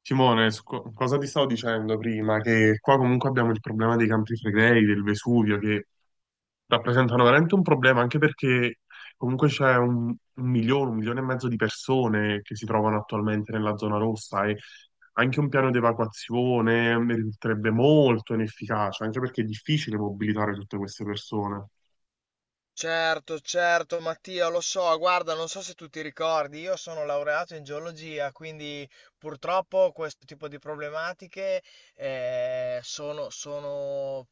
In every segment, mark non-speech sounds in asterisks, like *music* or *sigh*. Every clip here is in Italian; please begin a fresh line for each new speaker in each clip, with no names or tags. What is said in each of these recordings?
Simone, su cosa ti stavo dicendo prima? Che qua comunque abbiamo il problema dei Campi Flegrei, del Vesuvio, che rappresentano veramente un problema, anche perché comunque c'è un milione, un milione e mezzo di persone che si trovano attualmente nella zona rossa e anche un piano di evacuazione risulterebbe molto inefficace, anche perché è difficile mobilitare tutte queste persone.
Certo, certo, Mattia, lo so, guarda, non so se tu ti ricordi, io sono laureato in geologia, quindi purtroppo questo tipo di problematiche sono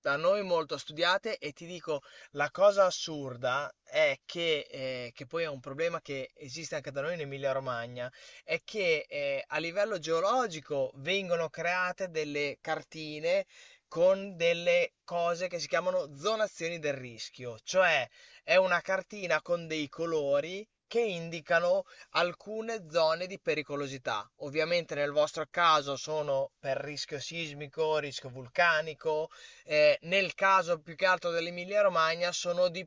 da noi molto studiate e ti dico, la cosa assurda è che poi è un problema che esiste anche da noi in Emilia-Romagna, è che a livello geologico vengono create delle cartine con delle cose che si chiamano zonazioni del rischio, cioè è una cartina con dei colori che indicano alcune zone di pericolosità. Ovviamente nel vostro caso sono per rischio sismico, rischio vulcanico, nel caso più che altro dell'Emilia Romagna sono di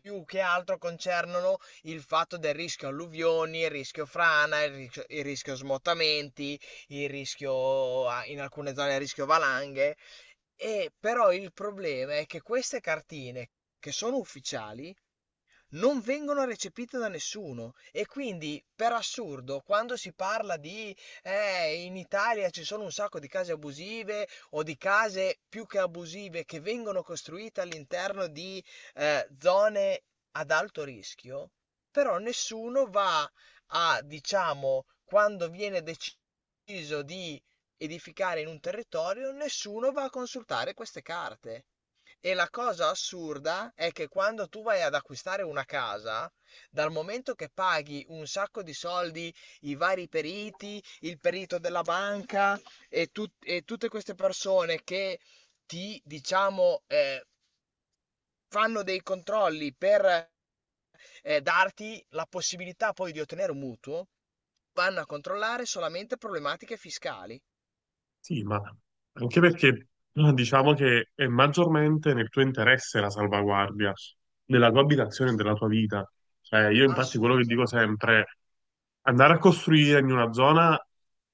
più che altro concernono il fatto del rischio alluvioni, il rischio frana, il rischio smottamenti, il rischio in alcune zone il rischio valanghe. E però il problema è che queste cartine che sono ufficiali non vengono recepite da nessuno e quindi per assurdo quando si parla di in Italia ci sono un sacco di case abusive o di case più che abusive che vengono costruite all'interno di zone ad alto rischio, però nessuno va a, diciamo, quando viene deciso di edificare in un territorio, nessuno va a consultare queste carte. E la cosa assurda è che quando tu vai ad acquistare una casa, dal momento che paghi un sacco di soldi, i vari periti, il perito della banca e, e tutte queste persone che ti, diciamo, fanno dei controlli per darti la possibilità poi di ottenere un mutuo, vanno a controllare solamente problematiche fiscali.
Sì, ma anche perché diciamo che è maggiormente nel tuo interesse la salvaguardia della tua abitazione e della tua vita. Cioè, io infatti quello che dico
Assolutamente.
sempre, andare a costruire in una zona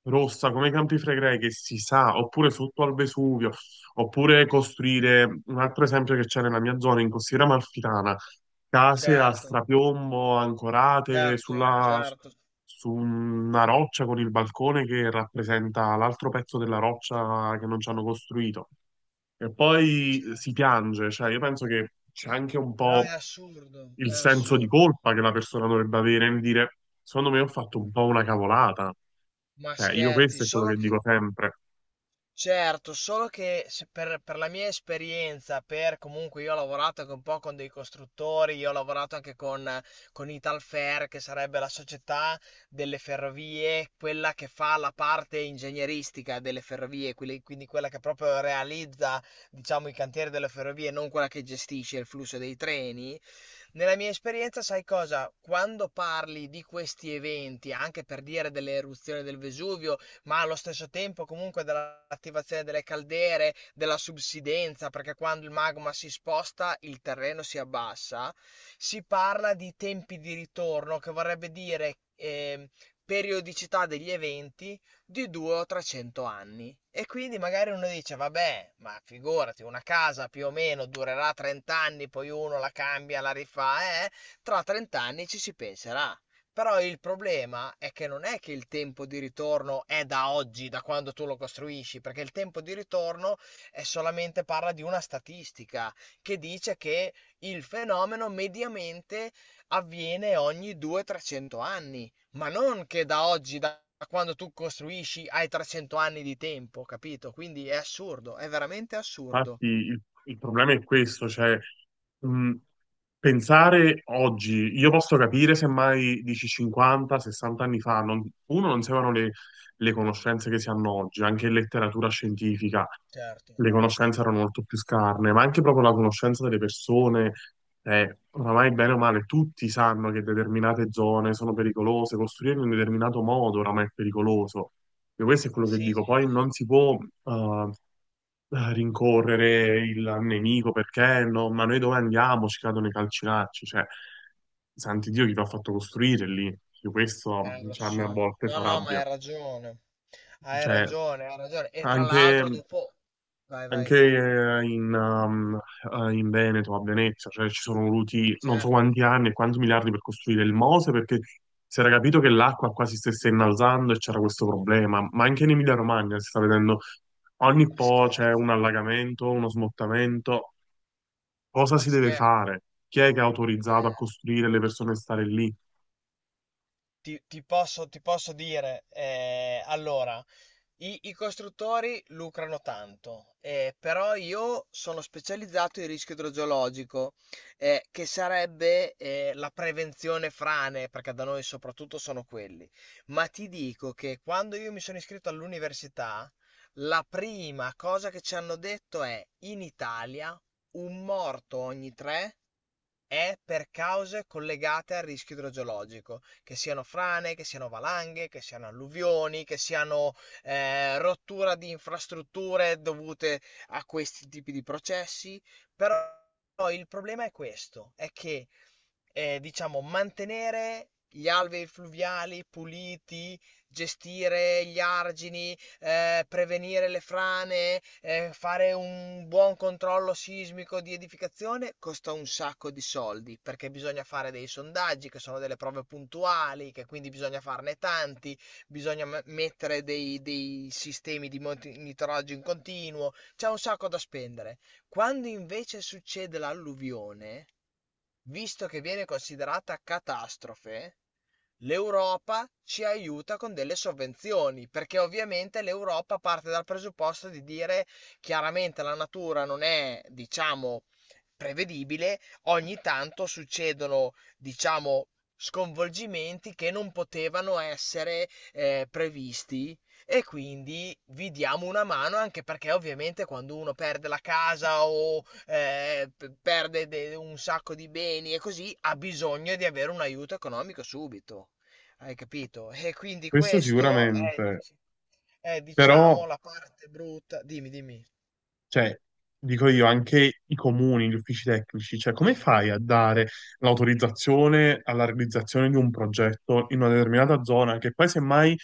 rossa come i Campi Flegrei che si sa, oppure sotto al Vesuvio, oppure costruire, un altro esempio che c'è nella mia zona, in Costiera Amalfitana, case a
Certo,
strapiombo ancorate
certo,
sulla,
certo,
su una roccia con il balcone che rappresenta l'altro pezzo della roccia che non ci hanno costruito. E poi
certo.
si piange, cioè io penso che c'è anche un
No, è
po'
assurdo,
il
è
senso di
assurdo.
colpa che la persona dovrebbe avere nel dire, secondo me ho fatto un po' una cavolata.
Ma
Io
scherzi,
questo è quello
solo
che dico
che.
sempre.
Certo, solo che se per, per la mia esperienza, per comunque io ho lavorato anche un po' con dei costruttori, io ho lavorato anche con Italfer, che sarebbe la società delle ferrovie, quella che fa la parte ingegneristica delle ferrovie, quindi quella che proprio realizza, diciamo, i cantieri delle ferrovie, non quella che gestisce il flusso dei treni. Nella mia esperienza, sai cosa? Quando parli di questi eventi, anche per dire delle eruzioni del Vesuvio, ma allo stesso tempo comunque dell'attivazione delle caldere, della subsidenza, perché quando il magma si sposta il terreno si abbassa, si parla di tempi di ritorno, che vorrebbe dire periodicità degli eventi di 200 o 300 anni. E quindi magari uno dice, vabbè, ma figurati, una casa più o meno durerà 30 anni, poi uno la cambia, la rifà, tra 30 anni ci si penserà. Però il problema è che non è che il tempo di ritorno è da oggi, da quando tu lo costruisci, perché il tempo di ritorno è solamente parla di una statistica che dice che il fenomeno mediamente avviene ogni 200-300 anni, ma non che da oggi, da quando tu costruisci, hai 300 anni di tempo, capito? Quindi è assurdo, è veramente assurdo.
Infatti, il problema è questo, cioè, mh, pensare oggi, io posso capire semmai dici 50, 60 anni fa, uno non si avevano le conoscenze che si hanno oggi, anche in letteratura scientifica.
Certo.
Le conoscenze erano molto più scarne, ma anche proprio la conoscenza delle persone, oramai bene o male, tutti sanno che determinate zone sono pericolose, costruire in un determinato modo oramai è pericoloso. Io questo è quello che
Sì,
dico,
sì,
poi
sì.
non si può rincorrere il nemico, perché no, ma noi dove andiamo? Ci cadono i calcinacci, cioè, santi Dio, chi ti ha fatto costruire lì? Io questo,
Eh, lo
cioè, a me
so.
a volte
No,
fa
no, ma hai
rabbia.
ragione. Hai
Cioè,
ragione, hai ragione. E tra
anche
l'altro dopo... Vai,
anche
vai.
eh, in, um, eh, in Veneto, a Venezia, cioè ci sono voluti non so
Certo,
quanti anni e quanti miliardi per costruire il Mose, perché si era capito che l'acqua quasi stesse innalzando e c'era questo problema. Ma anche in Emilia-Romagna si sta vedendo ogni
ma
po' c'è
scherzi,
un allagamento, uno smottamento. Cosa
ma
si deve
scherzi.
fare? Chi è che ha autorizzato a costruire le persone a stare lì?
Ti posso dire, allora, i costruttori lucrano tanto, però io sono specializzato in rischio idrogeologico, che sarebbe la prevenzione frane, perché da noi soprattutto sono quelli. Ma ti dico che quando io mi sono iscritto all'università, la prima cosa che ci hanno detto è in Italia un morto ogni tre è per cause collegate al rischio idrogeologico, che siano frane, che siano valanghe, che siano alluvioni, che siano rottura di infrastrutture dovute a questi tipi di processi. Però il problema è questo, è che diciamo mantenere gli alvei fluviali puliti, gestire gli argini, prevenire le frane, fare un buon controllo sismico di edificazione, costa un sacco di soldi perché bisogna fare dei sondaggi che sono delle prove puntuali, che quindi bisogna farne tanti, bisogna mettere dei sistemi di monitoraggio in continuo, c'è un sacco da spendere. Quando invece succede l'alluvione, visto che viene considerata catastrofe, l'Europa ci aiuta con delle sovvenzioni, perché ovviamente l'Europa parte dal presupposto di dire chiaramente la natura non è, diciamo, prevedibile, ogni tanto succedono, diciamo, sconvolgimenti che non potevano essere previsti e quindi vi diamo una mano anche perché ovviamente quando uno perde la casa o perde un sacco di beni e così ha bisogno di avere un aiuto economico subito. Hai capito? E quindi
Questo
questo è,
sicuramente,
diciamo,
però,
la parte brutta. Dimmi, dimmi.
cioè, dico io, anche i comuni, gli uffici tecnici, cioè, come
Eh,
fai a dare l'autorizzazione alla realizzazione di un progetto in una determinata zona, che poi semmai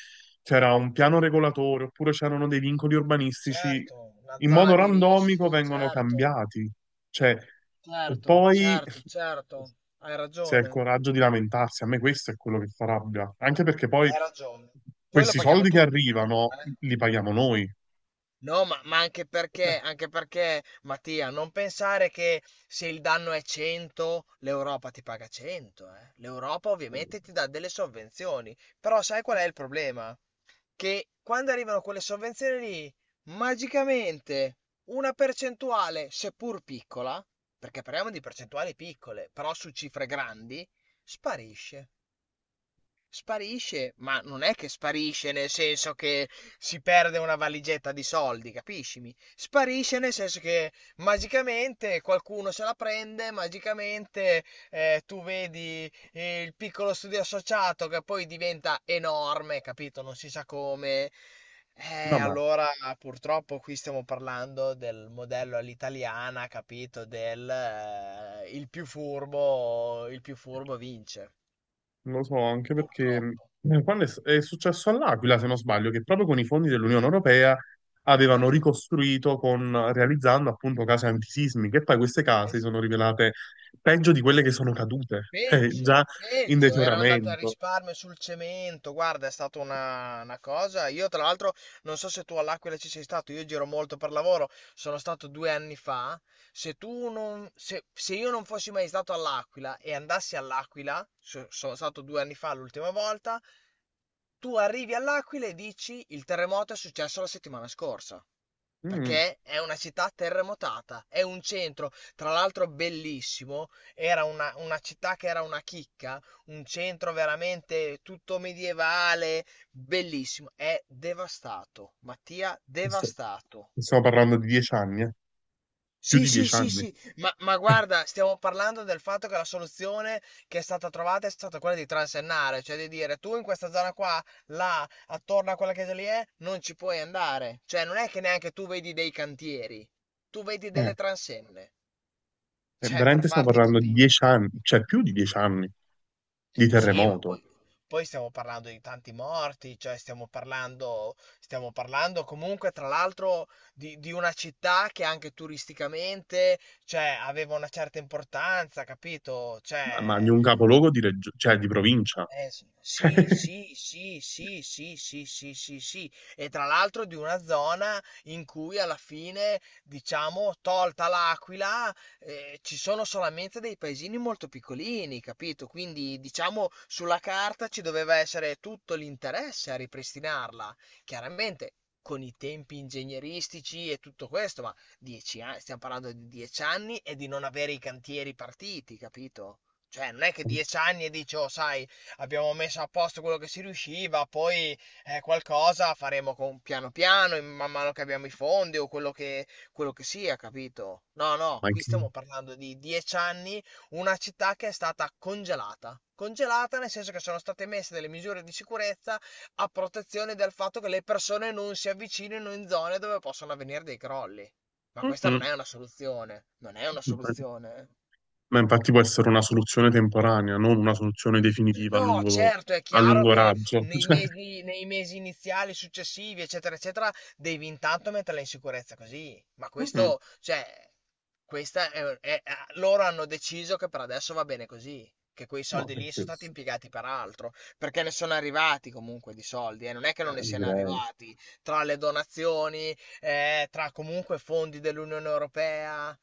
c'era un piano regolatore oppure c'erano dei vincoli urbanistici,
Certo, una
in modo
zona di
randomico
rischio,
vengono
certo,
cambiati. Cioè, e
certo,
poi
certo, certo. Hai
se ha il
ragione.
coraggio di
Eh,
lamentarsi, a me questo è quello che fa rabbia, anche perché poi
Hai ragione. Poi lo
questi
paghiamo
soldi che
tutti tanto,
arrivano
eh.
li paghiamo noi.
No, ma
*laughs*
anche perché, Mattia, non pensare che se il danno è 100, l'Europa ti paga 100, eh. L'Europa ovviamente ti dà delle sovvenzioni, però sai qual è il problema? Che quando arrivano quelle sovvenzioni lì, magicamente una percentuale, seppur piccola, perché parliamo di percentuali piccole, però su cifre grandi, sparisce. Sparisce, ma non è che sparisce nel senso che si perde una valigetta di soldi, capiscimi? Sparisce nel senso che magicamente qualcuno se la prende, magicamente tu vedi il piccolo studio associato che poi diventa enorme, capito? Non si sa come.
No, ma
Allora purtroppo qui stiamo parlando del modello all'italiana, capito? Del il più furbo vince,
non lo so, anche perché
purtroppo.
quando è successo all'Aquila, se non sbaglio, che proprio con i fondi dell'Unione Europea avevano
Certo,
ricostruito con, realizzando appunto case antisismiche, e poi queste case si
es-
sono rivelate peggio di quelle che sono cadute, *laughs* già
peggio,
in
peggio, erano andati a
deterioramento.
risparmio sul cemento, guarda, è stata una cosa. Io tra l'altro non so se tu all'Aquila ci sei stato, io giro molto per lavoro, sono stato 2 anni fa. Se io non fossi mai stato all'Aquila e andassi all'Aquila, sono stato 2 anni fa l'ultima volta, tu arrivi all'Aquila e dici il terremoto è successo la settimana scorsa.
Mm,
Perché è una città terremotata, è un centro, tra l'altro bellissimo, era una città che era una chicca, un centro veramente tutto medievale, bellissimo, è devastato, Mattia,
questo-
devastato.
Stiamo parlando di 10 anni, più
Sì,
di
sì,
dieci
sì,
anni.
sì, ma
Eh,
guarda, stiamo parlando del fatto che la soluzione che è stata trovata è stata quella di transennare, cioè di dire tu in questa zona qua, là, attorno a quella chiesa lì è, non ci puoi andare. Cioè non è che neanche tu vedi dei cantieri, tu vedi
eh,
delle transenne, cioè per
Veramente stiamo
farti
parlando di
capire.
dieci anni, cioè più di 10 anni di
Sì, ma
terremoto,
poi, poi stiamo parlando di tanti morti, cioè stiamo parlando comunque tra l'altro di una città che anche turisticamente, cioè, aveva una certa importanza, capito?
ma di
Cioè,
un capoluogo di, cioè, di provincia.
sì,
*laughs*
sì, sì, sì, sì, sì, sì, sì, sì, e tra l'altro di una zona in cui alla fine, diciamo, tolta l'Aquila, ci sono solamente dei paesini molto piccolini, capito? Quindi, diciamo, sulla carta ci doveva essere tutto l'interesse a ripristinarla, chiaramente con i tempi ingegneristici e tutto questo, ma 10 anni, stiamo parlando di 10 anni e di non avere i cantieri partiti, capito? Cioè, non è che 10 anni e dici, oh, sai, abbiamo messo a posto quello che si riusciva, poi qualcosa faremo piano piano, in man mano che abbiamo i fondi o quello che sia, capito? No, no,
Ma
qui
che.
stiamo parlando di 10 anni, una città che è stata congelata. Congelata nel senso che sono state messe delle misure di sicurezza a protezione del fatto che le persone non si avvicinino in zone dove possono avvenire dei crolli. Ma questa non
Mm-mm.
è una soluzione, non è una soluzione. Eh.
Ma infatti può essere una soluzione temporanea, non una soluzione definitiva
No, certo, è
a
chiaro
lungo
che
raggio. *laughs*
nei
Cioè,
mesi, nei mesi iniziali, successivi, eccetera, eccetera, devi intanto metterla in sicurezza così. Ma
mm,
questo, cioè, questa loro hanno deciso che per adesso va bene così. Che quei
no,
soldi
per
lì sono stati
questo,
impiegati per altro, perché ne sono arrivati comunque di soldi, non è che non ne siano
direi.
arrivati tra le donazioni, tra comunque fondi dell'Unione Europea.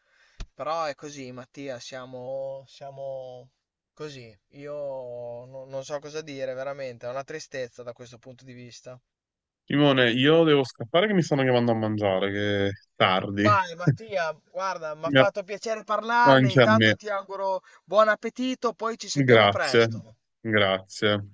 Però è così, Mattia, siamo così. Io non so cosa dire, veramente, è una tristezza da questo punto di vista.
Simone, io devo scappare che mi stanno chiamando a mangiare, che è tardi.
Vai,
*laughs*
Mattia, guarda, mi ha
Ga-
fatto piacere parlarne,
Anche a me.
intanto ti auguro buon appetito, poi ci sentiamo
Grazie,
presto.
grazie.